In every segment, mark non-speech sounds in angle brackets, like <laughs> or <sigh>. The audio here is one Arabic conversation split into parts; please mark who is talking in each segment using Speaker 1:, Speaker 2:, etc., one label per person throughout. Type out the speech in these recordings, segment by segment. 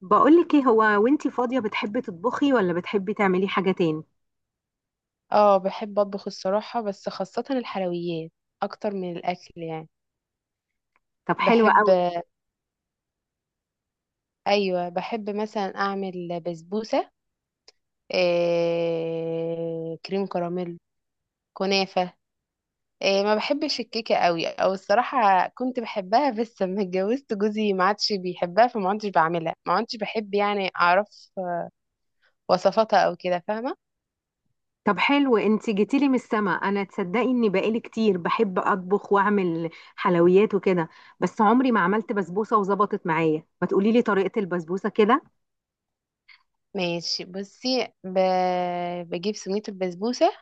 Speaker 1: بقولك ايه، هو وانتي فاضية بتحبي تطبخي ولا بتحبي تعملي حاجة تاني؟
Speaker 2: اه، بحب اطبخ الصراحة، بس خاصة الحلويات اكتر من الاكل، يعني.
Speaker 1: طب حلو
Speaker 2: بحب
Speaker 1: قوي.
Speaker 2: ايوه، بحب مثلا اعمل بسبوسة، كريم كراميل، كنافة. ما بحبش الكيكة قوي، او الصراحة كنت بحبها، بس لما اتجوزت جوزي ما عادش بيحبها، فما عادش بعملها، ما عادش بحب يعني اعرف وصفاتها او كده، فاهمة؟
Speaker 1: طب حلو، انتي جيتيلي من السما. انا تصدقي اني بقالي كتير بحب اطبخ واعمل حلويات وكده، بس عمري ما عملت بسبوسة وظبطت معايا. ما تقوليلي طريقة البسبوسة كده.
Speaker 2: ماشي، بصي، بجيب سميد البسبوسة.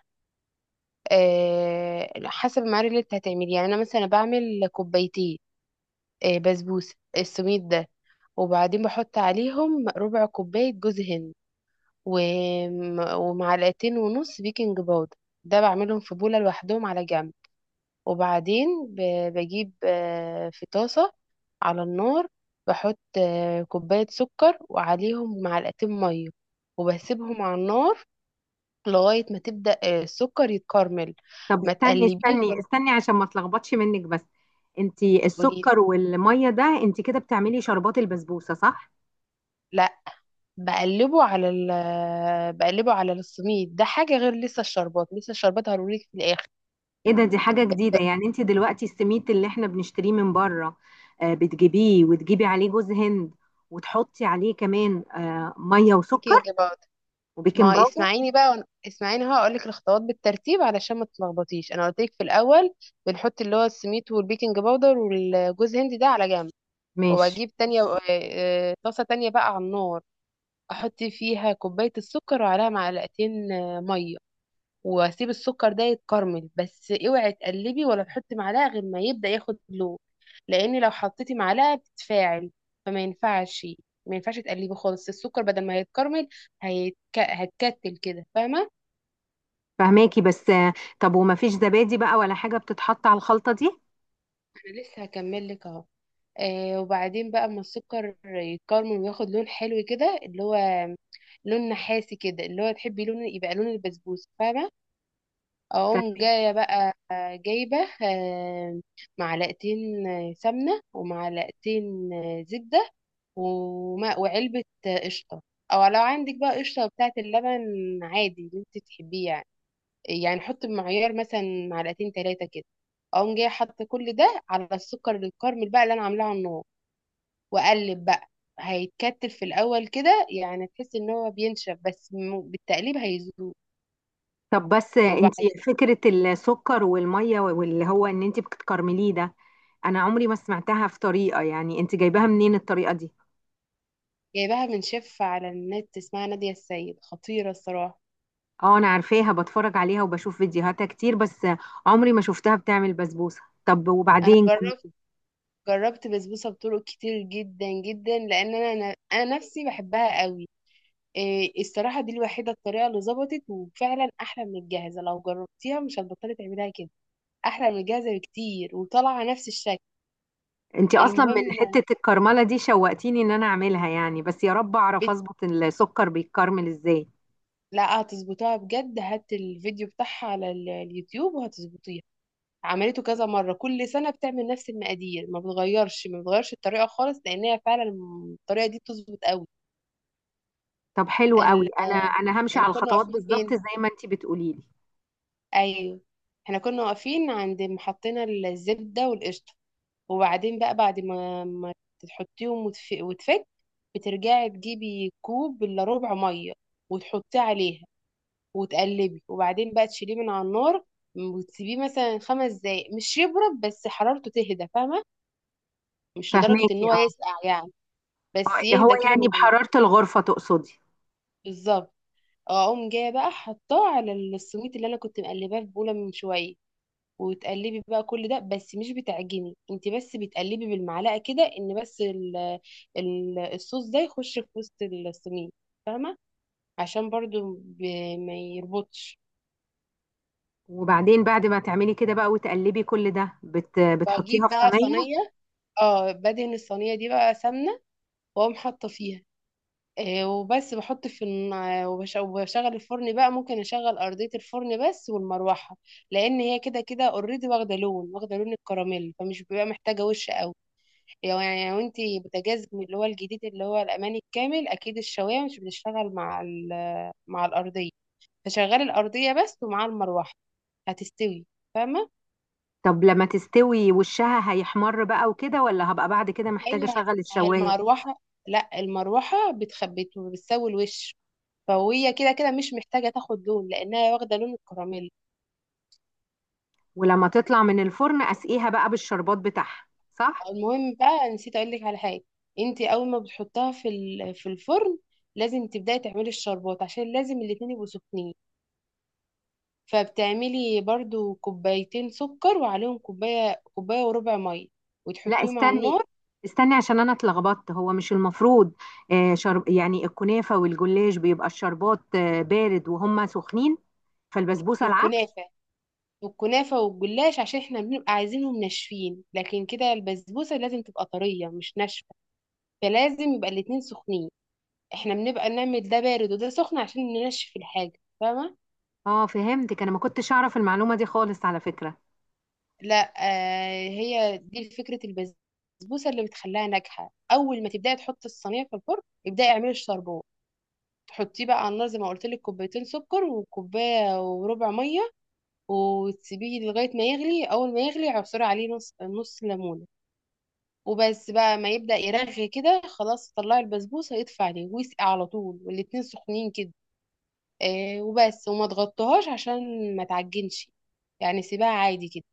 Speaker 2: حسب المعادن اللي انت هتعملي، يعني انا مثلا بعمل كوبايتين بسبوسه، السميد ده. وبعدين بحط عليهم ربع كوبايه جوز هند، ومعلقتين ونص بيكنج باودر. ده بعملهم في بوله لوحدهم على جنب. وبعدين بجيب في طاسه على النار، بحط كوبايه سكر وعليهم معلقتين ميه، وبسيبهم على النار لغايه ما تبدا السكر يتكرمل.
Speaker 1: طب
Speaker 2: ما
Speaker 1: استني
Speaker 2: تقلبيش
Speaker 1: استني
Speaker 2: ولا
Speaker 1: استني عشان ما اتلخبطش منك. بس انتي
Speaker 2: تقولي،
Speaker 1: السكر والمية ده انتي كده بتعملي شربات البسبوسة، صح؟
Speaker 2: لا. بقلبه على ال بقلبه على السميد، ده حاجة غير، لسه الشربات هقولك في الآخر.
Speaker 1: ايه ده، دي حاجة جديدة يعني. انت دلوقتي السميد اللي احنا بنشتريه من بره، بتجيبيه وتجيبي عليه جوز هند، وتحطي عليه كمان مية
Speaker 2: بيكنج
Speaker 1: وسكر
Speaker 2: باودر.
Speaker 1: وبيكنج
Speaker 2: ما
Speaker 1: باودر؟
Speaker 2: اسمعيني بقى، اسمعيني هقولك الخطوات بالترتيب علشان ما تتلخبطيش، انا قلت لك في الاول بنحط اللي هو السميد والبيكنج باودر والجوز هند ده على جنب.
Speaker 1: ماشي.
Speaker 2: واجيب تانية، طاسة تانية بقى على النار، احط فيها كوباية السكر وعليها معلقتين مية، واسيب السكر ده يتكرمل. بس اوعي تقلبي ولا تحطي معلقه غير ما يبدا ياخد لون، لان لو حطيتي معلقه بتتفاعل، فما ينفعش، ما ينفعش تقلبي خالص السكر، بدل ما هيتكرمل هتكتل كده، فاهمه؟
Speaker 1: فهماكي، بس. طب وما فيش زبادي بقى ولا حاجة بتتحط على الخلطة دي؟
Speaker 2: انا لسه هكمل لك اهو. وبعدين بقى اما السكر يتكرمل وياخد لون حلو كده، اللي هو لون نحاسي كده، اللي هو تحبي لون يبقى لون البسبوسه، فاهمه؟ اقوم
Speaker 1: فهماكي.
Speaker 2: جايه بقى، جايبه آه، معلقتين سمنه ومعلقتين زبده وماء وعلبه قشطه، او لو عندك بقى قشطه بتاعه اللبن عادي، اللي انت تحبيه، يعني. يعني حط بمعيار مثلا معلقتين ثلاثه كده. اقوم جايه حاطه كل ده على السكر الكارمل بقى اللي انا عاملاه على النار، واقلب بقى. هيتكتل في الاول كده، يعني تحس ان هو بينشف، بس بالتقليب هيذوب.
Speaker 1: طب بس آه، انت
Speaker 2: وبعدين،
Speaker 1: فكرة السكر والمية، واللي هو ان انت بتكرمليه ده، انا عمري ما سمعتها في طريقة. يعني انت جايباها منين الطريقة دي؟
Speaker 2: جايباها من شيف على النت اسمها نادية السيد، خطيرة الصراحة.
Speaker 1: اه انا عارفاها، بتفرج عليها وبشوف فيديوهاتها كتير، بس عمري ما شفتها بتعمل بسبوسة. طب
Speaker 2: انا
Speaker 1: وبعدين كم...
Speaker 2: جربت بسبوسة بطرق كتير جدا جدا، لان انا نفسي بحبها قوي. الصراحة دي الوحيدة الطريقة اللي ظبطت، وفعلا احلى من الجاهزة. لو جربتيها مش هتبطلي تعمليها كده، احلى من الجاهزة بكتير، وطالعة نفس الشكل.
Speaker 1: انت اصلا من
Speaker 2: المهم،
Speaker 1: حتة الكرملة دي شوقتيني ان انا اعملها يعني، بس يا رب اعرف
Speaker 2: بت...
Speaker 1: اظبط السكر بيتكرمل ازاي.
Speaker 2: لا، هتظبطها بجد. هات الفيديو بتاعها على اليوتيوب وهتظبطيها. عملته كذا مرة، كل سنة بتعمل نفس المقادير، ما بتغيرش، ما بتغيرش الطريقة خالص، لأن هي فعلا الطريقة دي بتظبط قوي.
Speaker 1: طب حلو قوي،
Speaker 2: ال...
Speaker 1: انا همشي
Speaker 2: يعني
Speaker 1: على
Speaker 2: كنا
Speaker 1: الخطوات
Speaker 2: واقفين
Speaker 1: بالظبط
Speaker 2: فين؟
Speaker 1: زي ما انت بتقولي لي.
Speaker 2: أيوه، احنا كنا واقفين عند محطينا الزبدة والقشطة، وبعدين بقى بعد ما تحطيهم وتفك، بترجعي تجيبي كوب إلا ربع مية وتحطيه عليها، وتقلبي، وبعدين بقى تشيليه من على النار، وتسيبيه مثلا خمس دقايق، مش يبرد بس حرارته تهدى، فاهمة؟ مش لدرجة ان
Speaker 1: فهماكي.
Speaker 2: هو
Speaker 1: اه،
Speaker 2: يسقع، يعني.
Speaker 1: اه
Speaker 2: بس
Speaker 1: اللي هو
Speaker 2: يهدى كده من،
Speaker 1: يعني بحرارة الغرفة تقصدي؟
Speaker 2: بالظبط. اقوم جايه بقى حطاه على السويت اللي انا كنت مقلباه في بوله من شويه، وتقلبي بقى كل ده، بس مش بتعجني انت، بس بتقلبي بالمعلقه كده، ان بس ال الصوص ده يخش في وسط السميد، فاهمه؟ عشان برضو ما يربطش.
Speaker 1: وبعدين بعد ما تعملي كده بقى وتقلبي كل ده، بتحطيها
Speaker 2: بجيب
Speaker 1: في
Speaker 2: بقى
Speaker 1: صينية؟
Speaker 2: صينيه، اه بدهن الصينيه دي بقى سمنه، واقوم حاطه فيها. وبس، بحط في الن- وبش- وبشغل الفرن بقى، ممكن اشغل ارضية الفرن بس والمروحة، لان هي كده كده اوريدي واخدة لون، واخدة لون الكراميل، فمش بيبقى محتاجة وش قوي. لو يعني، يعني لو انت بوتاجاز من اللي هو الجديد اللي هو الاماني الكامل، اكيد الشواية مش بتشتغل مع مع الارضية، فشغلي الارضية بس ومع المروحة، هتستوي، فاهمة؟
Speaker 1: طب لما تستوي وشها هيحمر بقى وكده، ولا هبقى بعد كده محتاجة
Speaker 2: هي
Speaker 1: اشغل
Speaker 2: هي
Speaker 1: الشواية؟
Speaker 2: المروحة. لا، المروحة بتخبط وبتسوي الوش، فهي كده كده مش محتاجة تاخد لون، لأنها واخدة لون الكراميل.
Speaker 1: ولما تطلع من الفرن اسقيها بقى بالشربات بتاعها، صح؟
Speaker 2: المهم بقى، نسيت اقول لك على حاجه. انت اول ما بتحطها في في الفرن، لازم تبداي تعملي الشربات، عشان لازم الاتنين يبقوا سخنين. فبتعملي برضو كوبايتين سكر، وعليهم كوبايه وربع ميه،
Speaker 1: لا
Speaker 2: وتحطيهم على
Speaker 1: استني،
Speaker 2: النار.
Speaker 1: استني عشان انا اتلخبطت. هو مش المفروض آه، شرب يعني الكنافه والجلاش بيبقى الشربات بارد وهما سخنين؟ فالبسبوسه
Speaker 2: في
Speaker 1: العكس.
Speaker 2: الكنافه والكنافه والجلاش عشان احنا بنبقى عايزينهم ناشفين، لكن كده البسبوسه لازم تبقى طريه مش ناشفه، فلازم يبقى الاتنين سخنين. احنا بنبقى نعمل ده بارد وده سخن عشان ننشف الحاجه، فاهمه؟
Speaker 1: اه فهمتك، انا ما كنتش اعرف المعلومه دي خالص على فكره.
Speaker 2: لا، هي دي فكرة البسبوسة اللي بتخليها ناجحة. أول ما تبدأي تحطي الصينية في الفرن، ابدأي اعملي الشربات، تحطيه بقى على النار زي ما قلت لك، كوبايتين سكر وكوباية وربع مية، وتسيبيه لغاية ما يغلي. أول ما يغلي عصري عليه نص ليمونة، وبس بقى ما يبدأ يرغي كده، خلاص طلعي البسبوسة، اطفي عليه ويسقي على طول والاتنين سخنين كده. وبس، وما تغطيهاش عشان ما تعجنش، يعني سيبها عادي كده.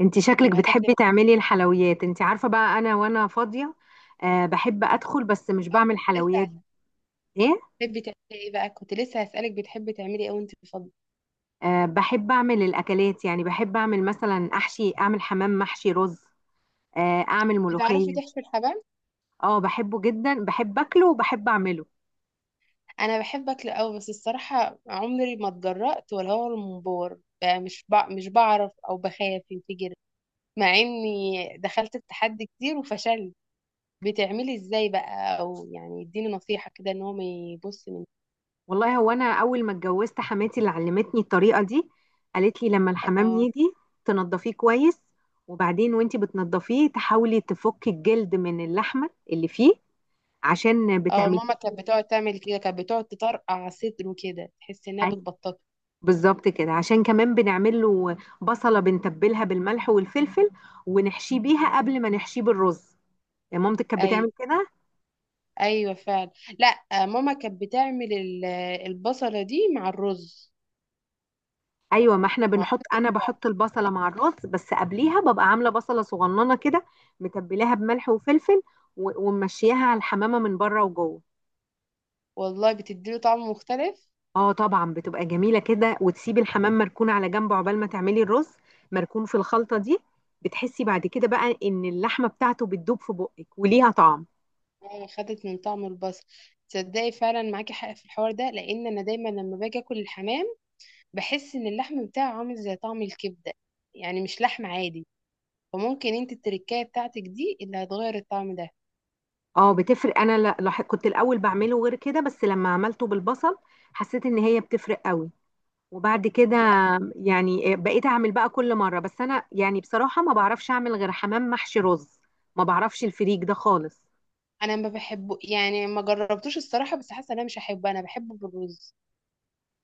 Speaker 1: انت شكلك
Speaker 2: وهتاكلي
Speaker 1: بتحبي
Speaker 2: بقى،
Speaker 1: تعملي الحلويات. انت عارفه بقى انا وانا فاضيه، آه بحب ادخل بس مش بعمل
Speaker 2: لسه
Speaker 1: حلويات. ايه؟
Speaker 2: بتحبي تعملي ايه بقى؟ كنت لسه هسألك، بتحبي تعملي ايه وانت فاضية؟
Speaker 1: آه بحب اعمل الاكلات. يعني بحب اعمل مثلا احشي، اعمل حمام محشي رز، اعمل
Speaker 2: بتعرفي
Speaker 1: ملوخيه.
Speaker 2: تحشي الحبام؟
Speaker 1: اه بحبه جدا، بحب اكله وبحب اعمله.
Speaker 2: انا بحب اكل قوي، بس الصراحة عمري ما اتجرأت، ولا هو المنبار بقى، مش بعرف، او بخاف ينفجر، مع اني دخلت التحدي كتير وفشلت. بتعملي ازاي بقى؟ او يعني اديني نصيحة كده ان هو ما يبص من.
Speaker 1: والله هو انا اول ما اتجوزت حماتي اللي علمتني الطريقه دي. قالت لي لما الحمام
Speaker 2: اه،
Speaker 1: يجي تنضفيه كويس، وبعدين وانتي بتنضفيه تحاولي تفكي الجلد من اللحمه اللي فيه، عشان
Speaker 2: اه،
Speaker 1: بتعمليه.
Speaker 2: ماما كانت بتقعد تعمل كده، كانت بتقعد تطرقع صدره كده، تحس انها
Speaker 1: أي-
Speaker 2: بتبططه.
Speaker 1: بالظبط كده. عشان كمان بنعمل له بصله، بنتبلها بالملح والفلفل، ونحشيه بيها قبل ما نحشيه بالرز. يعني مامتك كانت
Speaker 2: اي،
Speaker 1: بتعمل كده؟
Speaker 2: ايوه، فعلا. لا، ماما كانت بتعمل البصله دي مع الرز،
Speaker 1: ايوه، ما احنا
Speaker 2: مع
Speaker 1: بنحط،
Speaker 2: الرز
Speaker 1: انا
Speaker 2: بتاعه.
Speaker 1: بحط البصله مع الرز بس قبليها ببقى عامله بصله صغننه كده، متبلاها بملح وفلفل، وممشياها على الحمامه من بره وجوه.
Speaker 2: والله بتديله طعم مختلف.
Speaker 1: اه طبعا بتبقى جميله كده. وتسيبي الحمام مركون على جنب عقبال ما تعملي الرز، مركون في الخلطه دي. بتحسي بعد كده بقى ان اللحمه بتاعته بتدوب في بقك وليها طعم.
Speaker 2: ماما خدت من طعم البصل. تصدقي فعلا معاكي حق في الحوار ده، لان انا دايما لما باجي اكل الحمام بحس ان اللحم بتاعه عامل زي طعم الكبده، يعني مش لحم عادي، فممكن انت التركايه بتاعتك دي اللي هتغير الطعم ده.
Speaker 1: اه بتفرق، انا لا لاح- كنت الاول بعمله غير كده، بس لما عملته بالبصل حسيت ان هي بتفرق قوي. وبعد كده
Speaker 2: لا،
Speaker 1: يعني بقيت اعمل بقى كل مره. بس انا يعني بصراحه ما بعرفش اعمل غير حمام محشي رز، ما بعرفش الفريك ده خالص.
Speaker 2: انا ما بحبه، يعني ما جربتوش الصراحه، بس حاسه إن انا مش هحبه. انا بحبه بالرز.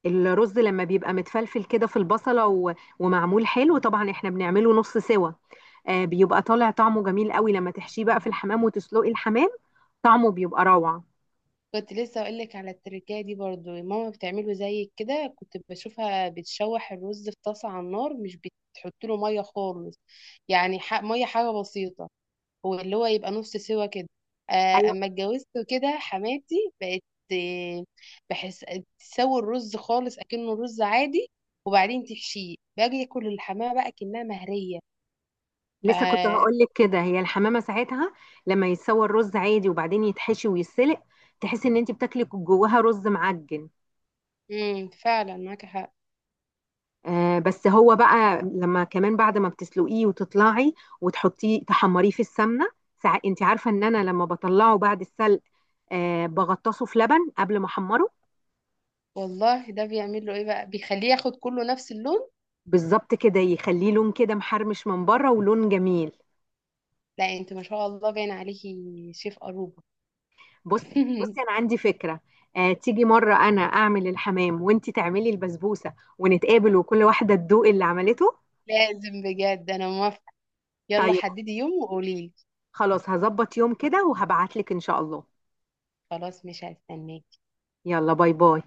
Speaker 1: الرز لما بيبقى متفلفل كده في البصله ومعمول حلو، طبعا احنا بنعمله نص سوا، آه بيبقى طالع طعمه جميل قوي. لما تحشيه بقى في الحمام وتسلقي الحمام طعمه بيبقى روعه.
Speaker 2: كنت لسه اقول لك على التركية دي، برضو ماما بتعمله زي كده، كنت بشوفها بتشوح الرز في طاسة على النار، مش بتحط له مية خالص، يعني مية حاجة بسيطة، هو اللي هو يبقى نص سوا كده.
Speaker 1: ايوه
Speaker 2: اما اتجوزت، كده حماتي بقت آه، بحس تسوي الرز خالص اكنه رز عادي، وبعدين تحشيه. باجي اكل الحماه بقى كأنها مهرية،
Speaker 1: لسه كنت هقول
Speaker 2: ف...
Speaker 1: لك كده، هي الحمامه ساعتها لما يتسوى الرز عادي وبعدين يتحشي ويتسلق، تحسي ان انت بتاكلي جواها رز معجن.
Speaker 2: فعلا معاك حق.
Speaker 1: بس هو بقى لما كمان بعد ما بتسلقيه وتطلعي وتحطيه تحمريه في السمنه، انت عارفه ان انا لما بطلعه بعد السلق بغطسه في لبن قبل ما احمره.
Speaker 2: والله ده بيعمل له ايه بقى؟ بيخليه ياخد كله نفس اللون.
Speaker 1: بالظبط كده، يخليه لون كده محرمش من بره ولون جميل.
Speaker 2: لا، انت ما شاء الله، باين عليكي شيف أروبا.
Speaker 1: بص،
Speaker 2: <laughs>
Speaker 1: بصي انا عندي فكره. تيجي مره انا اعمل الحمام وانت تعملي البسبوسه، ونتقابل وكل واحده تدوق اللي عملته.
Speaker 2: لازم، بجد انا موافقة. يلا
Speaker 1: طيب
Speaker 2: حددي يوم وقولي لي.
Speaker 1: خلاص، هظبط يوم كده وهبعتلك ان شاء الله.
Speaker 2: خلاص مش هستناكي.
Speaker 1: يلا، باي باي.